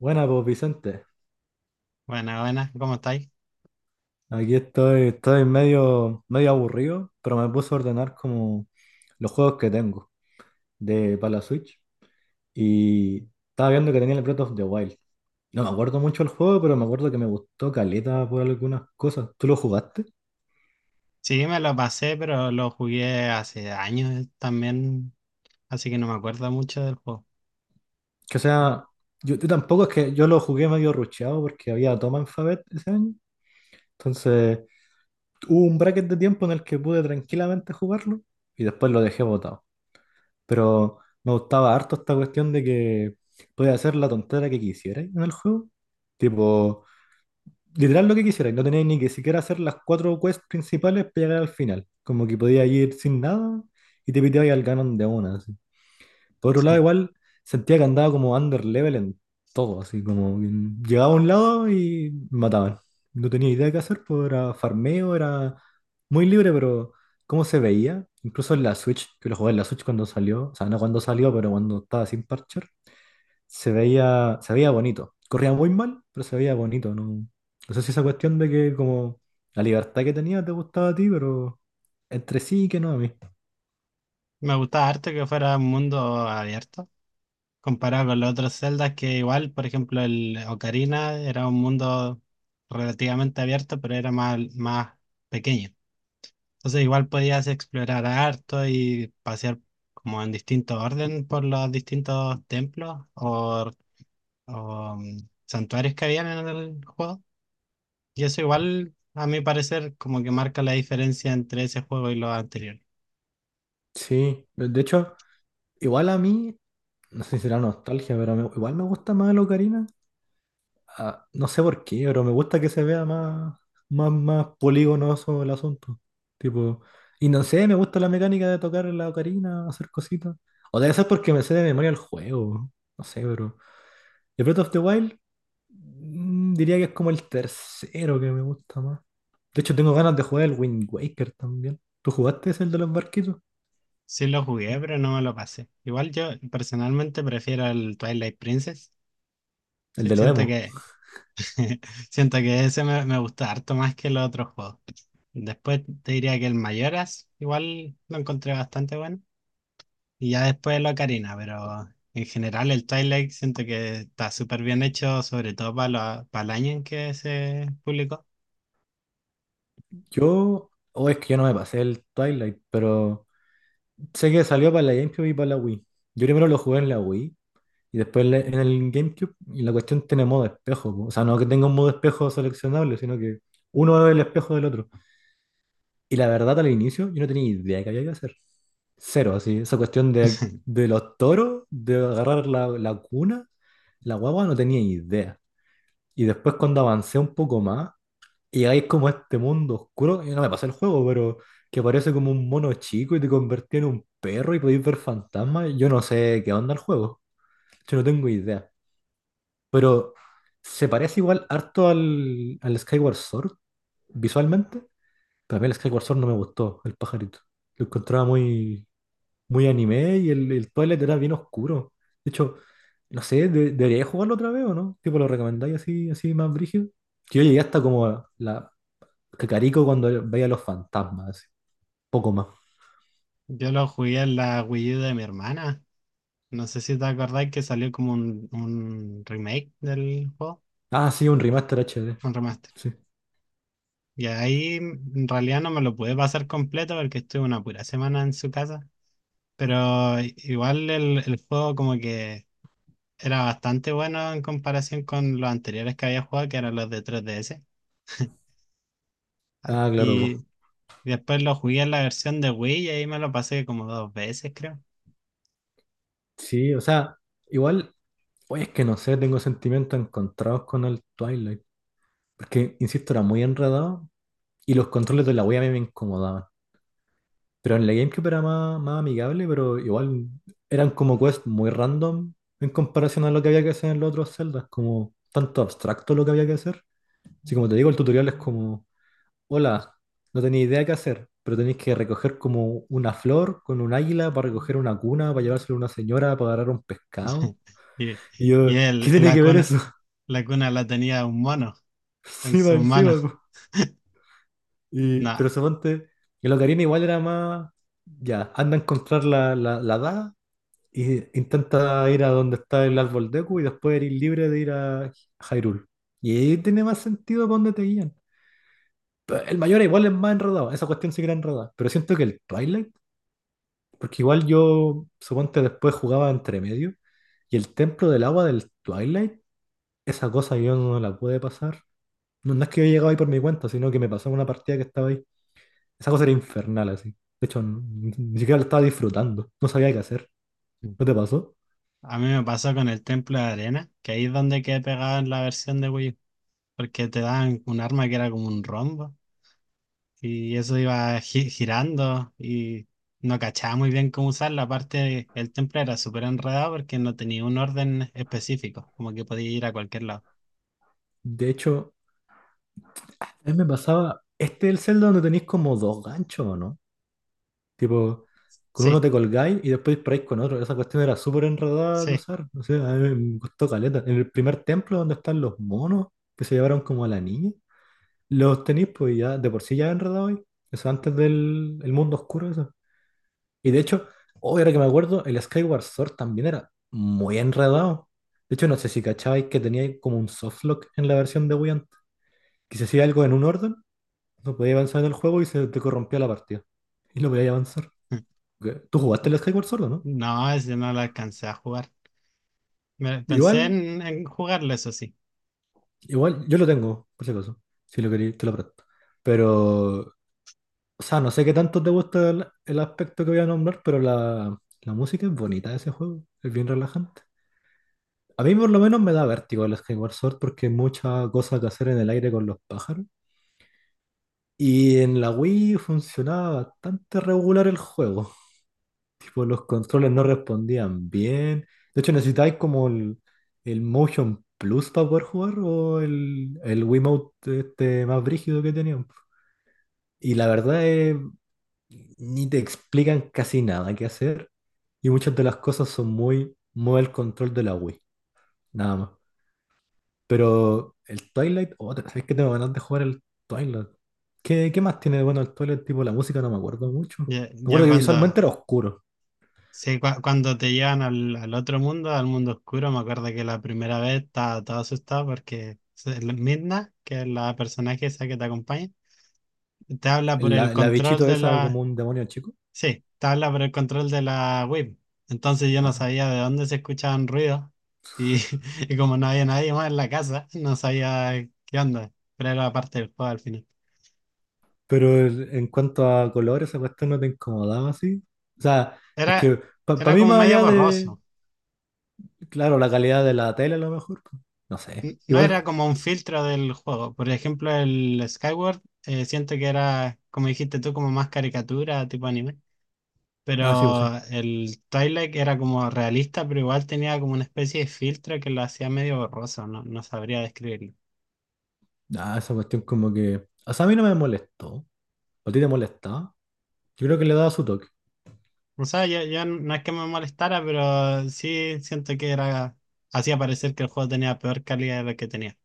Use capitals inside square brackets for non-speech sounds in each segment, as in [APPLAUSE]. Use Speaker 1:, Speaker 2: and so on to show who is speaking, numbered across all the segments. Speaker 1: Buena, pues Vicente.
Speaker 2: Buena, buena, ¿cómo estáis?
Speaker 1: Aquí estoy medio, medio aburrido, pero me puse a ordenar como los juegos que tengo de para la Switch. Y estaba viendo que tenía el Breath of the Wild. No me acuerdo mucho el juego, pero me acuerdo que me gustó caleta por algunas cosas. ¿Tú lo jugaste?
Speaker 2: Sí, me lo pasé, pero lo jugué hace años también, así que no me acuerdo mucho del juego.
Speaker 1: Que o sea, yo tampoco es que yo lo jugué medio rucheado porque había Tom Alphabet ese año. Entonces, hubo un bracket de tiempo en el que pude tranquilamente jugarlo y después lo dejé botado. Pero me gustaba harto esta cuestión de que podía hacer la tontera que quisierais en el juego. Tipo, literal lo que quisierais. No tenéis ni que siquiera hacer las cuatro quests principales para llegar al final. Como que podías ir sin nada y te piteabais al canon de una. Así. Por otro
Speaker 2: [LAUGHS]
Speaker 1: lado,
Speaker 2: Sí.
Speaker 1: igual sentía que andaba como under level en todo, así como que llegaba a un lado y me mataban. No tenía idea de qué hacer, pues era farmeo, era muy libre, pero cómo se veía, incluso en la Switch, que lo jugué en la Switch cuando salió, o sea, no cuando salió, pero cuando estaba sin parcher, se veía bonito. Corría muy mal, pero se veía bonito, ¿no? No sé si esa cuestión de que como la libertad que tenía te gustaba a ti, pero entre sí que no a mí.
Speaker 2: Me gustaba harto que fuera un mundo abierto, comparado con los otros Zeldas que igual, por ejemplo, el Ocarina era un mundo relativamente abierto, pero era más pequeño. Entonces igual podías explorar harto y pasear como en distinto orden por los distintos templos o, santuarios que habían en el juego. Y eso igual, a mi parecer, como que marca la diferencia entre ese juego y los anteriores.
Speaker 1: Sí, de hecho, igual a mí. No sé si será nostalgia, pero igual me gusta más la Ocarina. Ah, no sé por qué, pero me gusta que se vea más, más, más poligonoso el asunto. Tipo, y no sé, me gusta la mecánica de tocar la Ocarina, hacer cositas. O debe ser porque me sé de memoria el juego. No sé, pero. Y Breath of the Wild, diría que es como el tercero que me gusta más. De hecho, tengo ganas de jugar el Wind Waker también. ¿Tú jugaste ese, el de los barquitos?
Speaker 2: Sí lo jugué, pero no me lo pasé. Igual yo personalmente prefiero el Twilight Princess.
Speaker 1: El de los
Speaker 2: Siento
Speaker 1: emo.
Speaker 2: que, [LAUGHS] siento que ese me gusta harto más que los otros juegos. Después te diría que el Majoras igual lo encontré bastante bueno. Y ya después el Ocarina, pero en general el Twilight siento que está súper bien hecho, sobre todo para el año en que se publicó.
Speaker 1: Yo. O es que yo no me pasé el Twilight, pero. Sé que salió para la GameCube y para la Wii. Yo primero lo jugué en la Wii y después en en el GameCube. Y la cuestión tiene modo espejo. Po. O sea, no que tenga un modo espejo seleccionable, sino que uno es el espejo del otro. Y la verdad, al inicio, yo no tenía idea de qué había que hacer. Cero, así. Esa cuestión de,
Speaker 2: [LAUGHS]
Speaker 1: de los toros, de agarrar la cuna, la guagua, no tenía idea. Y después, cuando avancé un poco más, y llegáis como a este mundo oscuro, y no me pasé el juego, pero que aparece como un mono chico y te convertí en un perro y podéis ver fantasmas. Yo no sé qué onda el juego, yo no tengo idea. Pero se parece igual harto al, Skyward Sword visualmente, pero a mí el Skyward Sword no me gustó, el pajarito. Lo encontraba muy, muy anime y el Twilight era bien oscuro. De hecho, no sé, debería jugarlo otra vez o no, tipo lo recomendáis así, así más brígido. Que yo llegué hasta como a la Cacarico cuando veía los fantasmas, así. Poco más.
Speaker 2: Yo lo jugué en la Wii U de mi hermana. No sé si te acordáis que salió como un remake del juego,
Speaker 1: Ah, sí, un remaster HD.
Speaker 2: un remaster.
Speaker 1: Sí.
Speaker 2: Y ahí en realidad no me lo pude pasar completo porque estuve una pura semana en su casa. Pero igual el juego como que era bastante bueno en comparación con los anteriores que había jugado, que eran los de 3DS.
Speaker 1: Ah, claro, po.
Speaker 2: Y después lo jugué en la versión de Wii y ahí me lo pasé como dos veces, creo.
Speaker 1: Sí, o sea, igual, oye, es que no sé, tengo sentimientos encontrados con el Twilight. Porque, insisto, era muy enredado y los controles de la Wii a mí me incomodaban. Pero en la GameCube era más, más amigable, pero igual eran como quests muy random en comparación a lo que había que hacer en los otros celdas, como tanto abstracto lo que había que hacer. Así como te digo, el tutorial es como: Hola, no tenía idea qué hacer, pero tenéis que recoger como una flor con un águila para recoger una cuna, para llevársela a una señora, para agarrar un pescado.
Speaker 2: [LAUGHS] Y,
Speaker 1: Y yo,
Speaker 2: y
Speaker 1: ¿qué tiene
Speaker 2: la
Speaker 1: que ver
Speaker 2: cuna,
Speaker 1: eso? [LAUGHS]
Speaker 2: la cuna la tenía un mono en
Speaker 1: Encima,
Speaker 2: sus
Speaker 1: encima.
Speaker 2: manos.
Speaker 1: Po. Y,
Speaker 2: No.
Speaker 1: pero suponte, el Ocarina igual era más, ya, anda a encontrar la, la daga y intenta ir a donde está el árbol Deku y después eres libre de ir a Hyrule. Y ahí tiene más sentido para dónde te guían. Pero el mayor igual es más enredado, esa cuestión sí que era enredada, pero siento que el Twilight. Porque igual yo, suponte, después jugaba entre medio. Y el templo del agua del Twilight, esa cosa yo no la pude pasar. No, no es que yo llegaba ahí por mi cuenta, sino que me pasó en una partida que estaba ahí. Esa cosa era infernal, así. De hecho, ni siquiera la estaba disfrutando. No sabía qué hacer. ¿No te pasó?
Speaker 2: A mí me pasó con el Templo de Arena, que ahí es donde quedé pegado en la versión de Wii U, porque te daban un arma que era como un rombo y eso iba girando y no cachaba muy bien cómo usarla. Aparte, el templo era súper enredado porque no tenía un orden específico, como que podía ir a cualquier lado.
Speaker 1: De hecho, a mí me pasaba. Este es el Zelda donde tenéis como dos ganchos, ¿o no? Tipo, con uno
Speaker 2: Sí,
Speaker 1: te colgáis y después disparáis con otro. Esa cuestión era súper enredada de
Speaker 2: sí.
Speaker 1: usar. No sé, a mí me costó caleta. En el primer templo donde están los monos que se llevaron como a la niña, los tenéis pues ya de por sí ya enredados ahí. Eso antes del el mundo oscuro, eso. Y de hecho, hoy ahora que me acuerdo, el Skyward Sword también era muy enredado. De hecho, no sé si cachabais que tenía como un softlock en la versión de Wii antes, que si hacía algo en un orden, no podía avanzar en el juego y se te corrompía la partida. Y no podía avanzar.
Speaker 2: [LAUGHS]
Speaker 1: ¿Qué? ¿Tú jugaste el Skyward Sword, o no?
Speaker 2: No, ese no lo alcancé a jugar. Pensé
Speaker 1: Igual,
Speaker 2: en jugarlo, eso sí.
Speaker 1: igual, yo lo tengo, por si acaso. Si lo queréis, te lo presto. Pero, o sea, no sé qué tanto te gusta el, aspecto que voy a nombrar, pero la música es bonita de ese juego. Es bien relajante. A mí por lo menos me da vértigo el Skyward Sword porque hay mucha cosa que hacer en el aire con los pájaros. Y en la Wii funcionaba bastante regular el juego. Tipo, los controles no respondían bien. De hecho, necesitáis como el, el, Motion Plus para poder jugar o el Wiimote este más brígido que tenían. Y la verdad es, ni te explican casi nada qué hacer. Y muchas de las cosas son muy, muy el control de la Wii, nada más. Pero el Twilight, otra, ¿sabes que tengo ganas de jugar el Twilight? ¿Qué, qué más tiene de bueno el Twilight? Tipo, la música no me acuerdo mucho. Me
Speaker 2: Ya, ya
Speaker 1: acuerdo que
Speaker 2: cuando
Speaker 1: visualmente era oscuro.
Speaker 2: Sí, cuando te llevan al otro mundo, al mundo oscuro, me acuerdo que la primera vez estaba todo asustado porque la Midna, que es la personaje esa que te acompaña, te habla por el
Speaker 1: la
Speaker 2: control
Speaker 1: bichito
Speaker 2: de
Speaker 1: esa como
Speaker 2: la...
Speaker 1: un demonio chico.
Speaker 2: Sí, te habla por el control de la web. Entonces yo no
Speaker 1: Ah,
Speaker 2: sabía de dónde se escuchaban ruidos y, [LAUGHS] y como no había nadie más en la casa, no sabía qué onda, pero era parte del juego al final.
Speaker 1: pero en cuanto a colores esa cuestión no te incomodaba así. O sea,
Speaker 2: Era,
Speaker 1: es que para
Speaker 2: Era
Speaker 1: mí
Speaker 2: como
Speaker 1: más
Speaker 2: medio
Speaker 1: allá
Speaker 2: borroso.
Speaker 1: de, claro, la calidad de la tele a lo mejor, pues, no sé.
Speaker 2: No era
Speaker 1: Igual,
Speaker 2: como un filtro del juego. Por ejemplo, el Skyward, siento que era, como dijiste tú, como más caricatura, tipo anime.
Speaker 1: ah, sí, pues sí.
Speaker 2: Pero el Twilight era como realista, pero igual tenía como una especie de filtro que lo hacía medio borroso, no, no sabría describirlo.
Speaker 1: Ah, esa cuestión como que, o sea, a mí no me molestó. ¿A ti te molestaba? Yo creo que le daba su toque.
Speaker 2: O sea, yo no es que me molestara, pero sí siento que era, hacía parecer que el juego tenía peor calidad de lo que tenía,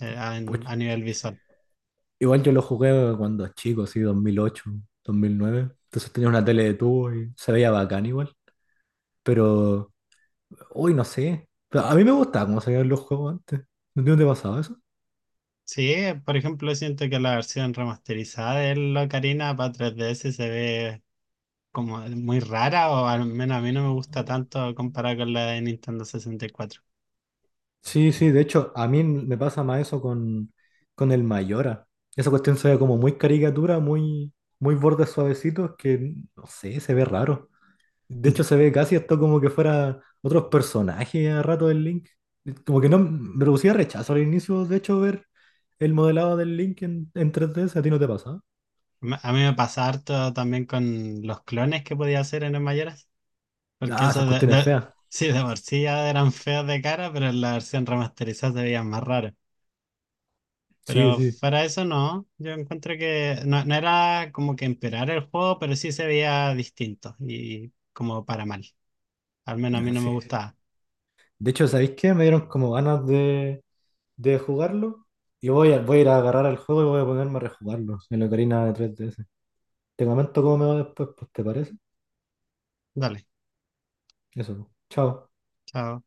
Speaker 1: Pues
Speaker 2: a nivel visual.
Speaker 1: igual yo lo jugué cuando chico, así, 2008, 2009. Entonces tenía una tele de tubo y se veía bacán igual. Pero, uy, no sé. Pero a mí me gustaba cómo se veían los juegos antes. ¿No te pasaba eso?
Speaker 2: Sí, por ejemplo, siento que la versión remasterizada del Ocarina para 3DS se ve como muy rara o al menos a mí no me gusta tanto comparada con la de Nintendo 64.
Speaker 1: Sí, sí, de hecho, a mí me pasa más eso con, el Mayora. Esa cuestión se ve como muy caricatura, muy, muy bordes suavecitos, que no sé, se ve raro. De hecho, se
Speaker 2: [LAUGHS]
Speaker 1: ve casi esto como que fuera otros personajes a rato del Link. Como que no me producía rechazo al inicio, de hecho, ver el modelado del Link en 3D si a ti no te pasa.
Speaker 2: A mí me pasa harto también con los clones que podía hacer en el Mayoras, porque
Speaker 1: Ah,
Speaker 2: eso
Speaker 1: esas cuestiones feas.
Speaker 2: sí, de por sí ya eran feos de cara, pero en la versión remasterizada se veían más raros.
Speaker 1: Sí,
Speaker 2: Pero
Speaker 1: sí.
Speaker 2: fuera de eso no, yo encuentro que no, no era como que empeorar el juego, pero sí se veía distinto y como para mal. Al menos a mí
Speaker 1: Ah,
Speaker 2: no me
Speaker 1: sí, sí.
Speaker 2: gustaba.
Speaker 1: De hecho, ¿sabéis qué? Me dieron como ganas de jugarlo y voy a ir a agarrar el juego y voy a ponerme a rejugarlo en la Ocarina de 3DS. Te comento cómo me va después, pues, ¿te parece?
Speaker 2: Dale,
Speaker 1: Eso, chao.
Speaker 2: chao.